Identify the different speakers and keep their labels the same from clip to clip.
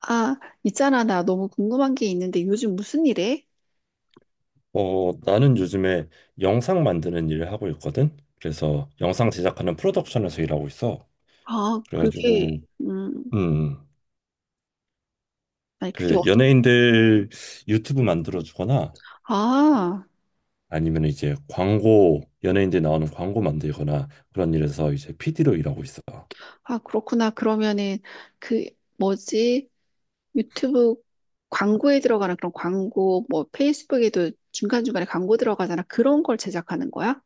Speaker 1: 아, 있잖아. 나 너무 궁금한 게 있는데 요즘 무슨 일해?
Speaker 2: 어, 나는 요즘에 영상 만드는 일을 하고 있거든. 그래서 영상 제작하는 프로덕션에서 일하고 있어.
Speaker 1: 아, 그게.
Speaker 2: 그래가지고, 음,
Speaker 1: 아니, 그게.
Speaker 2: 그 연예인들 유튜브 만들어주거나
Speaker 1: 아,
Speaker 2: 아니면 이제 광고, 연예인들 나오는 광고 만들거나 그런 일에서 이제 PD로 일하고 있어.
Speaker 1: 아, 그렇구나. 그러면은 그, 뭐지? 유튜브 광고에 들어가는 그런 광고, 뭐 페이스북에도 중간중간에 광고 들어가잖아. 그런 걸 제작하는 거야?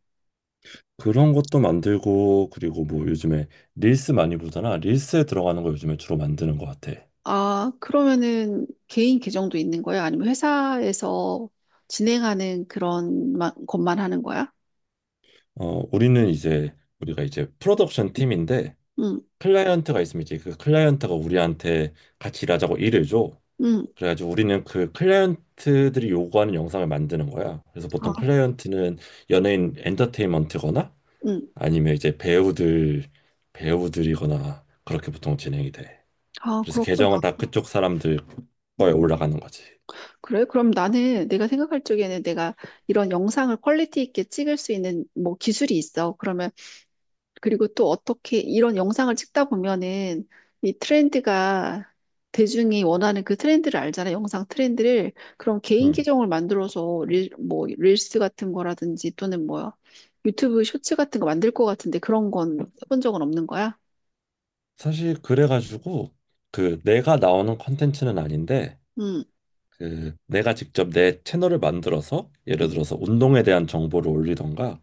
Speaker 2: 그런 것도 만들고, 그리고 뭐 요즘에 릴스 많이 보잖아. 릴스에 들어가는 거 요즘에 주로 만드는 것 같아.
Speaker 1: 아, 그러면은 개인 계정도 있는 거야? 아니면 회사에서 진행하는 그런 것만 하는 거야?
Speaker 2: 어, 우리가 이제 프로덕션 팀인데,
Speaker 1: 응.
Speaker 2: 클라이언트가 있으면 이제 그 클라이언트가 우리한테 같이 일하자고 일을 줘.
Speaker 1: 응.
Speaker 2: 그래가지고 우리는 그 클라이언트들이 요구하는 영상을 만드는 거야. 그래서 보통
Speaker 1: 아.
Speaker 2: 클라이언트는 연예인 엔터테인먼트거나
Speaker 1: 응.
Speaker 2: 아니면 이제 배우들이거나 그렇게 보통 진행이 돼.
Speaker 1: 아,
Speaker 2: 그래서
Speaker 1: 그렇구나.
Speaker 2: 계정은 다 그쪽 사람들 거에 올라가는 거지.
Speaker 1: 그래? 그럼 나는 내가 생각할 적에는 내가 이런 영상을 퀄리티 있게 찍을 수 있는 뭐 기술이 있어. 그러면 그리고 또 어떻게 이런 영상을 찍다 보면은 이 트렌드가 대중이 원하는 그 트렌드를 알잖아. 영상 트렌드를. 그럼 개인
Speaker 2: 음.
Speaker 1: 계정을 만들어서 뭐 릴스 같은 거라든지 또는 뭐 유튜브 쇼츠 같은 거 만들 것 같은데 그런 건 해본 적은 없는 거야?
Speaker 2: 사실 그래가지고 그 내가 나오는 컨텐츠는 아닌데
Speaker 1: 응.
Speaker 2: 그 내가 직접 내 채널을 만들어서
Speaker 1: 응.
Speaker 2: 예를 들어서 운동에 대한 정보를 올리던가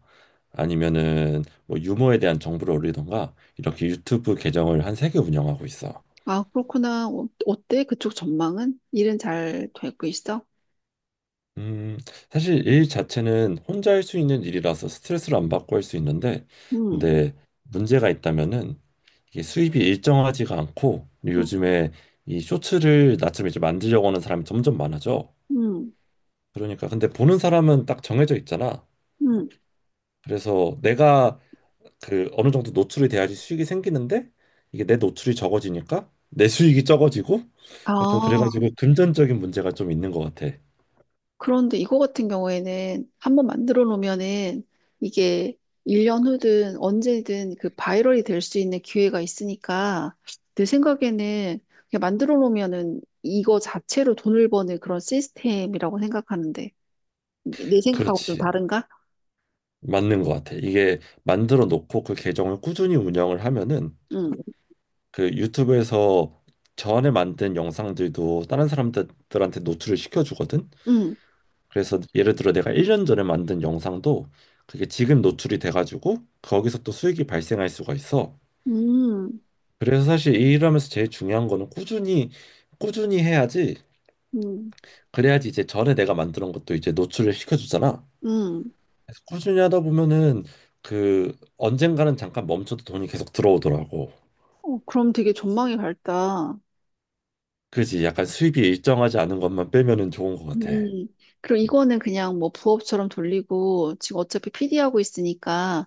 Speaker 2: 아니면은 뭐 유머에 대한 정보를 올리던가 이렇게 유튜브 계정을 한 3개 운영하고 있어.
Speaker 1: 아, 그렇구나. 어, 어때? 그쪽 전망은? 일은 잘 되고 있어?
Speaker 2: 음, 사실 일 자체는 혼자 할 수 있는 일이라서 스트레스를 안 받고 할 수 있는데
Speaker 1: 응.
Speaker 2: 근데 문제가 있다면은 이게 수입이 일정하지가 않고 그리고
Speaker 1: 응.
Speaker 2: 요즘에 이 쇼츠를 나처럼 이제 만들려고 하는 사람이 점점 많아져.
Speaker 1: 음.
Speaker 2: 그러니까 근데 보는 사람은 딱 정해져 있잖아.
Speaker 1: 음.
Speaker 2: 그래서 내가 그 어느 정도 노출이 돼야지 수익이 생기는데 이게 내 노출이 적어지니까 내 수익이 적어지고 약간
Speaker 1: 아,
Speaker 2: 그래가지고 금전적인 문제가 좀 있는 것 같아.
Speaker 1: 그런데 이거 같은 경우에는 한번 만들어 놓으면은 이게 1년 후든 언제든 그 바이럴이 될 수 있는 기회가 있으니까 내 생각에는 그냥 만들어 놓으면은 이거 자체로 돈을 버는 그런 시스템이라고 생각하는데 내 생각하고 좀
Speaker 2: 그렇지.
Speaker 1: 다른가?
Speaker 2: 맞는 것 같아. 이게 만들어 놓고 그 계정을 꾸준히 운영을 하면은
Speaker 1: 응.
Speaker 2: 그 유튜브에서 전에 만든 영상들도 다른 사람들한테 노출을 시켜주거든.
Speaker 1: 응.
Speaker 2: 그래서 예를 들어 내가 1년 전에 만든 영상도 그게 지금 노출이 돼가지고 거기서 또 수익이 발생할 수가 있어.
Speaker 1: 음.
Speaker 2: 그래서 사실 일하면서 제일 중요한 거는 꾸준히 꾸준히 해야지
Speaker 1: 음.
Speaker 2: 그래야지 이제 전에 내가 만드는 것도 이제 노출을 시켜주잖아.
Speaker 1: 음. 음.
Speaker 2: 그래서 꾸준히 하다 보면은 그 언젠가는 잠깐 멈춰도 돈이 계속 들어오더라고.
Speaker 1: 어, 그럼 되게 전망이 밝다.
Speaker 2: 그지? 약간 수입이 일정하지 않은 것만 빼면은 좋은 것 같아.
Speaker 1: 음, 그리고 이거는 그냥 뭐 부업처럼 돌리고 지금 어차피 PD 하고 있으니까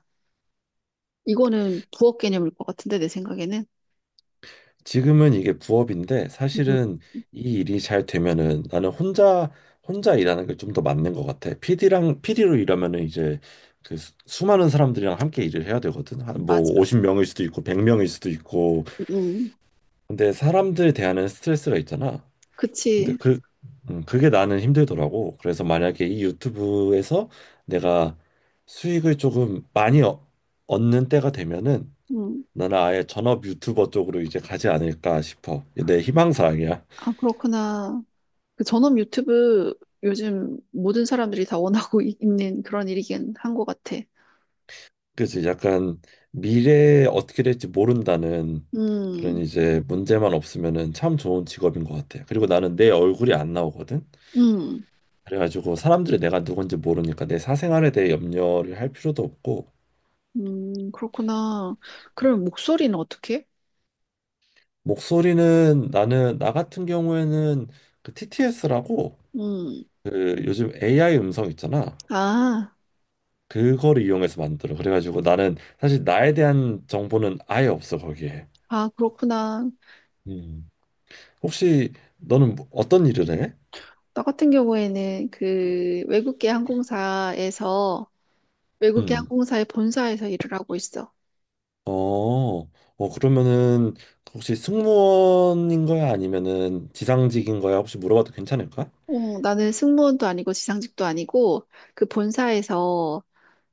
Speaker 1: 이거는 부업 개념일 것 같은데 내 생각에는.
Speaker 2: 지금은 이게 부업인데
Speaker 1: 음,
Speaker 2: 사실은 이 일이 잘 되면은 나는 혼자 일하는 게 좀 더 맞는 것 같아. PD랑 피디로 일하면은 이제 그 수많은 사람들이랑 함께 일을 해야 되거든. 한 뭐
Speaker 1: 맞아.
Speaker 2: 50명일 수도 있고 100명일 수도 있고.
Speaker 1: 음,
Speaker 2: 근데 사람들 대하는 스트레스가 있잖아. 근데
Speaker 1: 그치.
Speaker 2: 그 그게 나는 힘들더라고. 그래서 만약에 이 유튜브에서 내가 수익을 조금 많이 얻는 때가 되면은
Speaker 1: 음,
Speaker 2: 나는 아예 전업 유튜버 쪽으로 이제 가지 않을까 싶어. 내 희망사항이야.
Speaker 1: 아, 그렇구나. 그 전업 유튜브 요즘 모든 사람들이 다 원하고 있는 그런 일이긴 한 것 같아.
Speaker 2: 그래서 약간 미래에 어떻게 될지 모른다는 그런
Speaker 1: 음.
Speaker 2: 이제 문제만 없으면은 참 좋은 직업인 것 같아. 그리고 나는 내 얼굴이 안 나오거든.
Speaker 1: 음.
Speaker 2: 그래가지고 사람들이 내가 누군지 모르니까 내 사생활에 대해 염려를 할 필요도 없고
Speaker 1: 음. 그렇구나. 그럼 목소리는 어떻게?
Speaker 2: 목소리는 나는 나 같은 경우에는 그 TTS라고
Speaker 1: 음.
Speaker 2: 그 요즘 AI 음성 있잖아.
Speaker 1: 아.
Speaker 2: 그거를 이용해서 만들어. 그래가지고 나는 사실 나에 대한 정보는 아예 없어 거기에.
Speaker 1: 아, 그렇구나.
Speaker 2: 음. 혹시 너는 어떤 일을 해?
Speaker 1: 나 같은 경우에는 그 외국계 항공사에서 외국계
Speaker 2: 음.
Speaker 1: 항공사의 본사에서 일을 하고 있어.
Speaker 2: 어, 어 그러면은 혹시 승무원인 거야 아니면은 지상직인 거야? 혹시 물어봐도 괜찮을까?
Speaker 1: 어, 나는 승무원도 아니고 지상직도 아니고 그 본사에서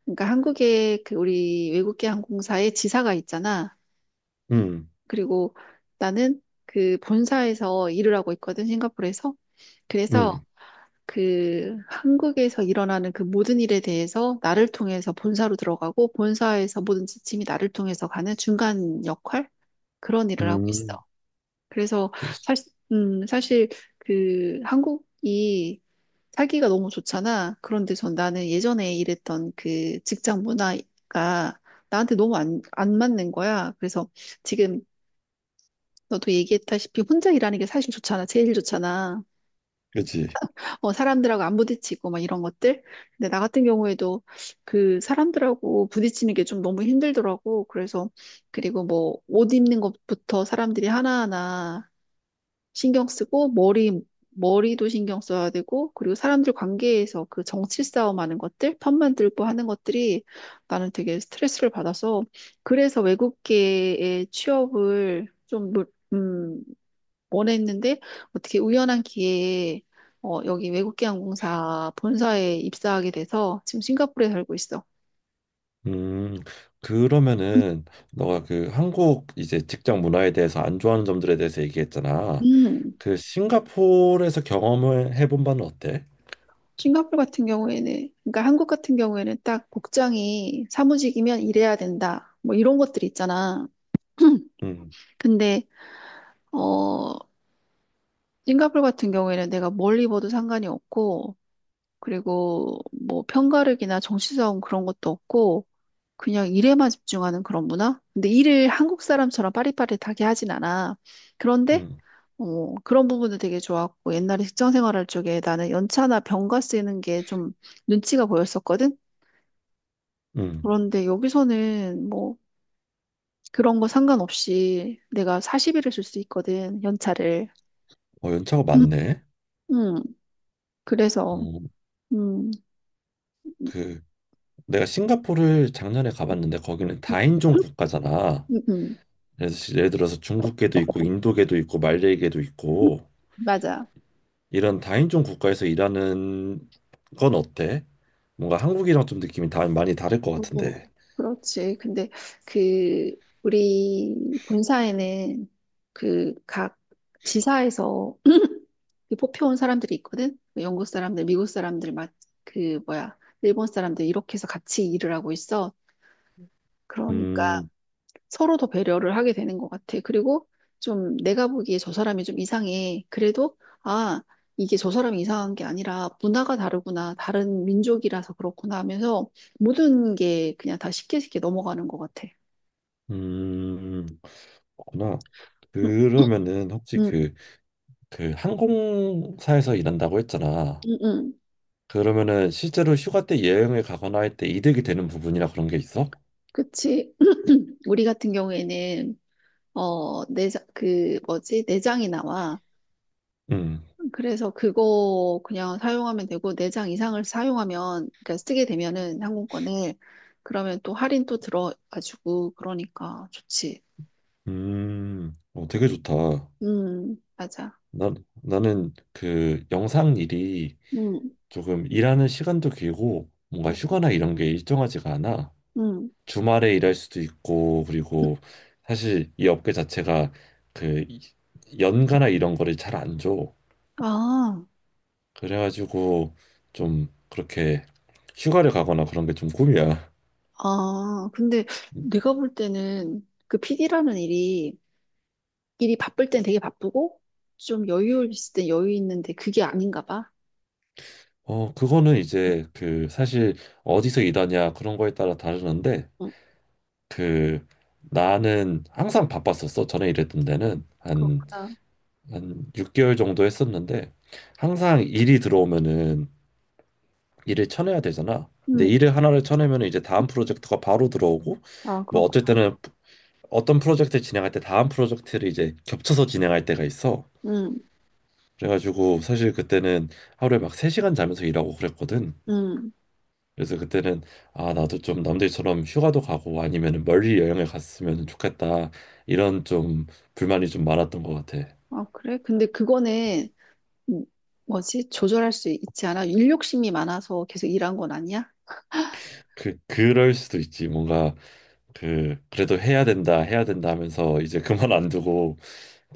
Speaker 1: 그러니까 한국에 그 우리 외국계 항공사의 지사가 있잖아.
Speaker 2: 음,
Speaker 1: 그리고 나는 그 본사에서 일을 하고 있거든, 싱가포르에서. 그래서
Speaker 2: 음,
Speaker 1: 그 한국에서 일어나는 그 모든 일에 대해서 나를 통해서 본사로 들어가고 본사에서 모든 지침이 나를 통해서 가는 중간 역할? 그런 일을 하고 있어.
Speaker 2: 음.
Speaker 1: 그래서
Speaker 2: 그치.
Speaker 1: 사실, 사실 그 한국이 살기가 너무 좋잖아. 그런데 전 나는 예전에 일했던 그 직장 문화가 나한테 너무 안 맞는 거야. 그래서 지금 너도 얘기했다시피 혼자 일하는 게 사실 좋잖아. 제일 좋잖아.
Speaker 2: 그치.
Speaker 1: 어, 사람들하고 안 부딪히고 막 이런 것들. 근데 나 같은 경우에도 그 사람들하고 부딪히는 게 좀 너무 힘들더라고. 그래서 그리고 뭐 옷 입는 것부터 사람들이 하나하나 신경 쓰고 머리도 신경 써야 되고 그리고 사람들 관계에서 그 정치 싸움하는 것들 편 만들고 하는 것들이 나는 되게 스트레스를 받아서 그래서 외국계의 취업을 좀 원했는데 어떻게 우연한 기회에 어, 여기 외국계 항공사 본사에 입사하게 돼서 지금 싱가포르에 살고 있어.
Speaker 2: 음, 그러면은 너가 그 한국 이제 직장 문화에 대해서 안 좋아하는 점들에 대해서 얘기했잖아.
Speaker 1: 음.
Speaker 2: 그 싱가포르에서 경험을 해본 바는 어때?
Speaker 1: 싱가포르 같은 경우에는, 그러니까 한국 같은 경우에는 딱 복장이 사무직이면 이래야 된다. 뭐 이런 것들이 있잖아.
Speaker 2: 음,
Speaker 1: 근데, 어, 싱가포르 같은 경우에는 내가 뭘 입어도 상관이 없고, 그리고 뭐 편가르기나 정치성 그런 것도 없고, 그냥 일에만 집중하는 그런 문화? 근데 일을 한국 사람처럼 빠릿빠릿하게 하진 않아. 그런데,
Speaker 2: 음,
Speaker 1: 그런 부분도 되게 좋았고, 옛날에 직장 생활할 적에 나는 연차나 병가 쓰는 게 좀 눈치가 보였었거든?
Speaker 2: 음.
Speaker 1: 그런데 여기서는 뭐 그런 거 상관없이 내가 40일을 쓸 수 있거든, 연차를.
Speaker 2: 어, 연차가
Speaker 1: 음.
Speaker 2: 많네.
Speaker 1: 음. 그래서.
Speaker 2: 어,
Speaker 1: 음.
Speaker 2: 그 내가 싱가포르를 작년에 가봤는데 거기는 다인종 국가잖아.
Speaker 1: 음. 음.
Speaker 2: 그래서 예를 들어서 중국계도 있고 인도계도 있고 말레이계도 있고
Speaker 1: 맞아.
Speaker 2: 이런 다인종 국가에서 일하는 건 어때? 뭔가 한국이랑 좀 느낌이 다 많이 다를 것
Speaker 1: 음,
Speaker 2: 같은데.
Speaker 1: 그렇지. 근데 그, 우리 본사에는 그 각 지사에서 그 뽑혀온 사람들이 있거든? 그 영국 사람들, 미국 사람들, 막 그, 뭐야, 일본 사람들, 이렇게 해서 같이 일을 하고 있어. 그러니까,
Speaker 2: 음,
Speaker 1: 서로 더 배려를 하게 되는 것 같아. 그리고 좀 내가 보기에 저 사람이 좀 이상해. 그래도, 아, 이게 저 사람이 이상한 게 아니라 문화가 다르구나. 다른 민족이라서 그렇구나 하면서 모든 게 그냥 다 쉽게 쉽게 넘어가는 것 같아.
Speaker 2: 음, 그렇구나.
Speaker 1: 응.
Speaker 2: 그러면은 혹시
Speaker 1: 응.
Speaker 2: 그 항공사에서 일한다고 했잖아.
Speaker 1: 응. 응.
Speaker 2: 그러면은 실제로 휴가 때 여행을 가거나 할 때 이득이 되는 부분이나 그런 게 있어?
Speaker 1: 그치. 우리 같은 경우에는, 내장, 그, 뭐지, 내장이 나와.
Speaker 2: 음,
Speaker 1: 그래서 그거 그냥 사용하면 되고 4장 이상을 사용하면 그러니까 쓰게 되면은 항공권을 그러면 또 할인 또 들어가지고 그러니까 좋지.
Speaker 2: 어, 되게 좋다.
Speaker 1: 맞아.
Speaker 2: 난, 나는 그 영상 일이
Speaker 1: 음.
Speaker 2: 조금 일하는 시간도 길고 뭔가
Speaker 1: 음.
Speaker 2: 휴가나 이런 게 일정하지가 않아.
Speaker 1: 음.
Speaker 2: 주말에 일할 수도 있고 그리고 사실 이 업계 자체가 그 연가나 이런 거를 잘 안 줘.
Speaker 1: 아.
Speaker 2: 그래가지고 좀 그렇게 휴가를 가거나 그런 게 좀 꿈이야.
Speaker 1: 아, 근데 내가 볼 때는 그 PD라는 일이 바쁠 땐 되게 바쁘고 좀 여유 있을 땐 여유 있는데 그게 아닌가 봐.
Speaker 2: 어, 그거는 이제 그 사실 어디서 일하냐 그런 거에 따라 다르는데
Speaker 1: 응.
Speaker 2: 그 나는 항상 바빴었어. 전에 일했던 데는
Speaker 1: 그렇구나.
Speaker 2: 한 6개월 정도 했었는데 항상 일이 들어오면은 일을 쳐내야 되잖아. 근데
Speaker 1: 응.
Speaker 2: 일을 하나를 쳐내면 이제 다음 프로젝트가 바로 들어오고
Speaker 1: 아,
Speaker 2: 뭐 어쩔
Speaker 1: 그렇구나.
Speaker 2: 때는 어떤 프로젝트를 진행할 때 다음 프로젝트를 이제 겹쳐서 진행할 때가 있어.
Speaker 1: 응.
Speaker 2: 그래가지고 사실 그때는 하루에 막 3시간 자면서 일하고 그랬거든.
Speaker 1: 응.
Speaker 2: 그래서 그때는 아 나도 좀 남들처럼 휴가도 가고 아니면 멀리 여행을 갔으면 좋겠다 이런 좀 불만이 좀 많았던 것 같아.
Speaker 1: 아, 그래? 근데 그거는 음, 뭐지? 조절할 수 있지 않아? 일욕심이 많아서 계속 일한 건 아니야?
Speaker 2: 그 그럴 수도 있지 뭔가 그 그래도 해야 된다 해야 된다 하면서 이제 그만 안 두고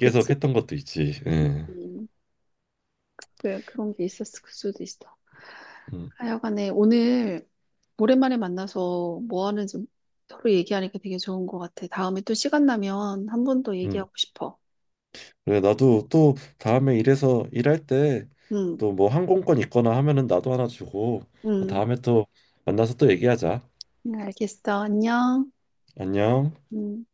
Speaker 2: 계속 했던 것도 있지. 예.
Speaker 1: 음, 그래, 그런 게 있었을 수도 있어.
Speaker 2: 음,
Speaker 1: 하여간에 오늘 오랜만에 만나서 뭐 하는지 서로 얘기하니까 되게 좋은 것 같아. 다음에 또 시간 나면 한 번 더
Speaker 2: 음.
Speaker 1: 얘기하고 싶어.
Speaker 2: 그래 나도 또 다음에 일해서 일할 때
Speaker 1: 응.
Speaker 2: 또 뭐 항공권 있거나 하면은 나도 하나 주고
Speaker 1: 응.
Speaker 2: 다음에 또 만나서 또 얘기하자.
Speaker 1: 응, 알겠어. 안녕.
Speaker 2: 안녕.
Speaker 1: 음.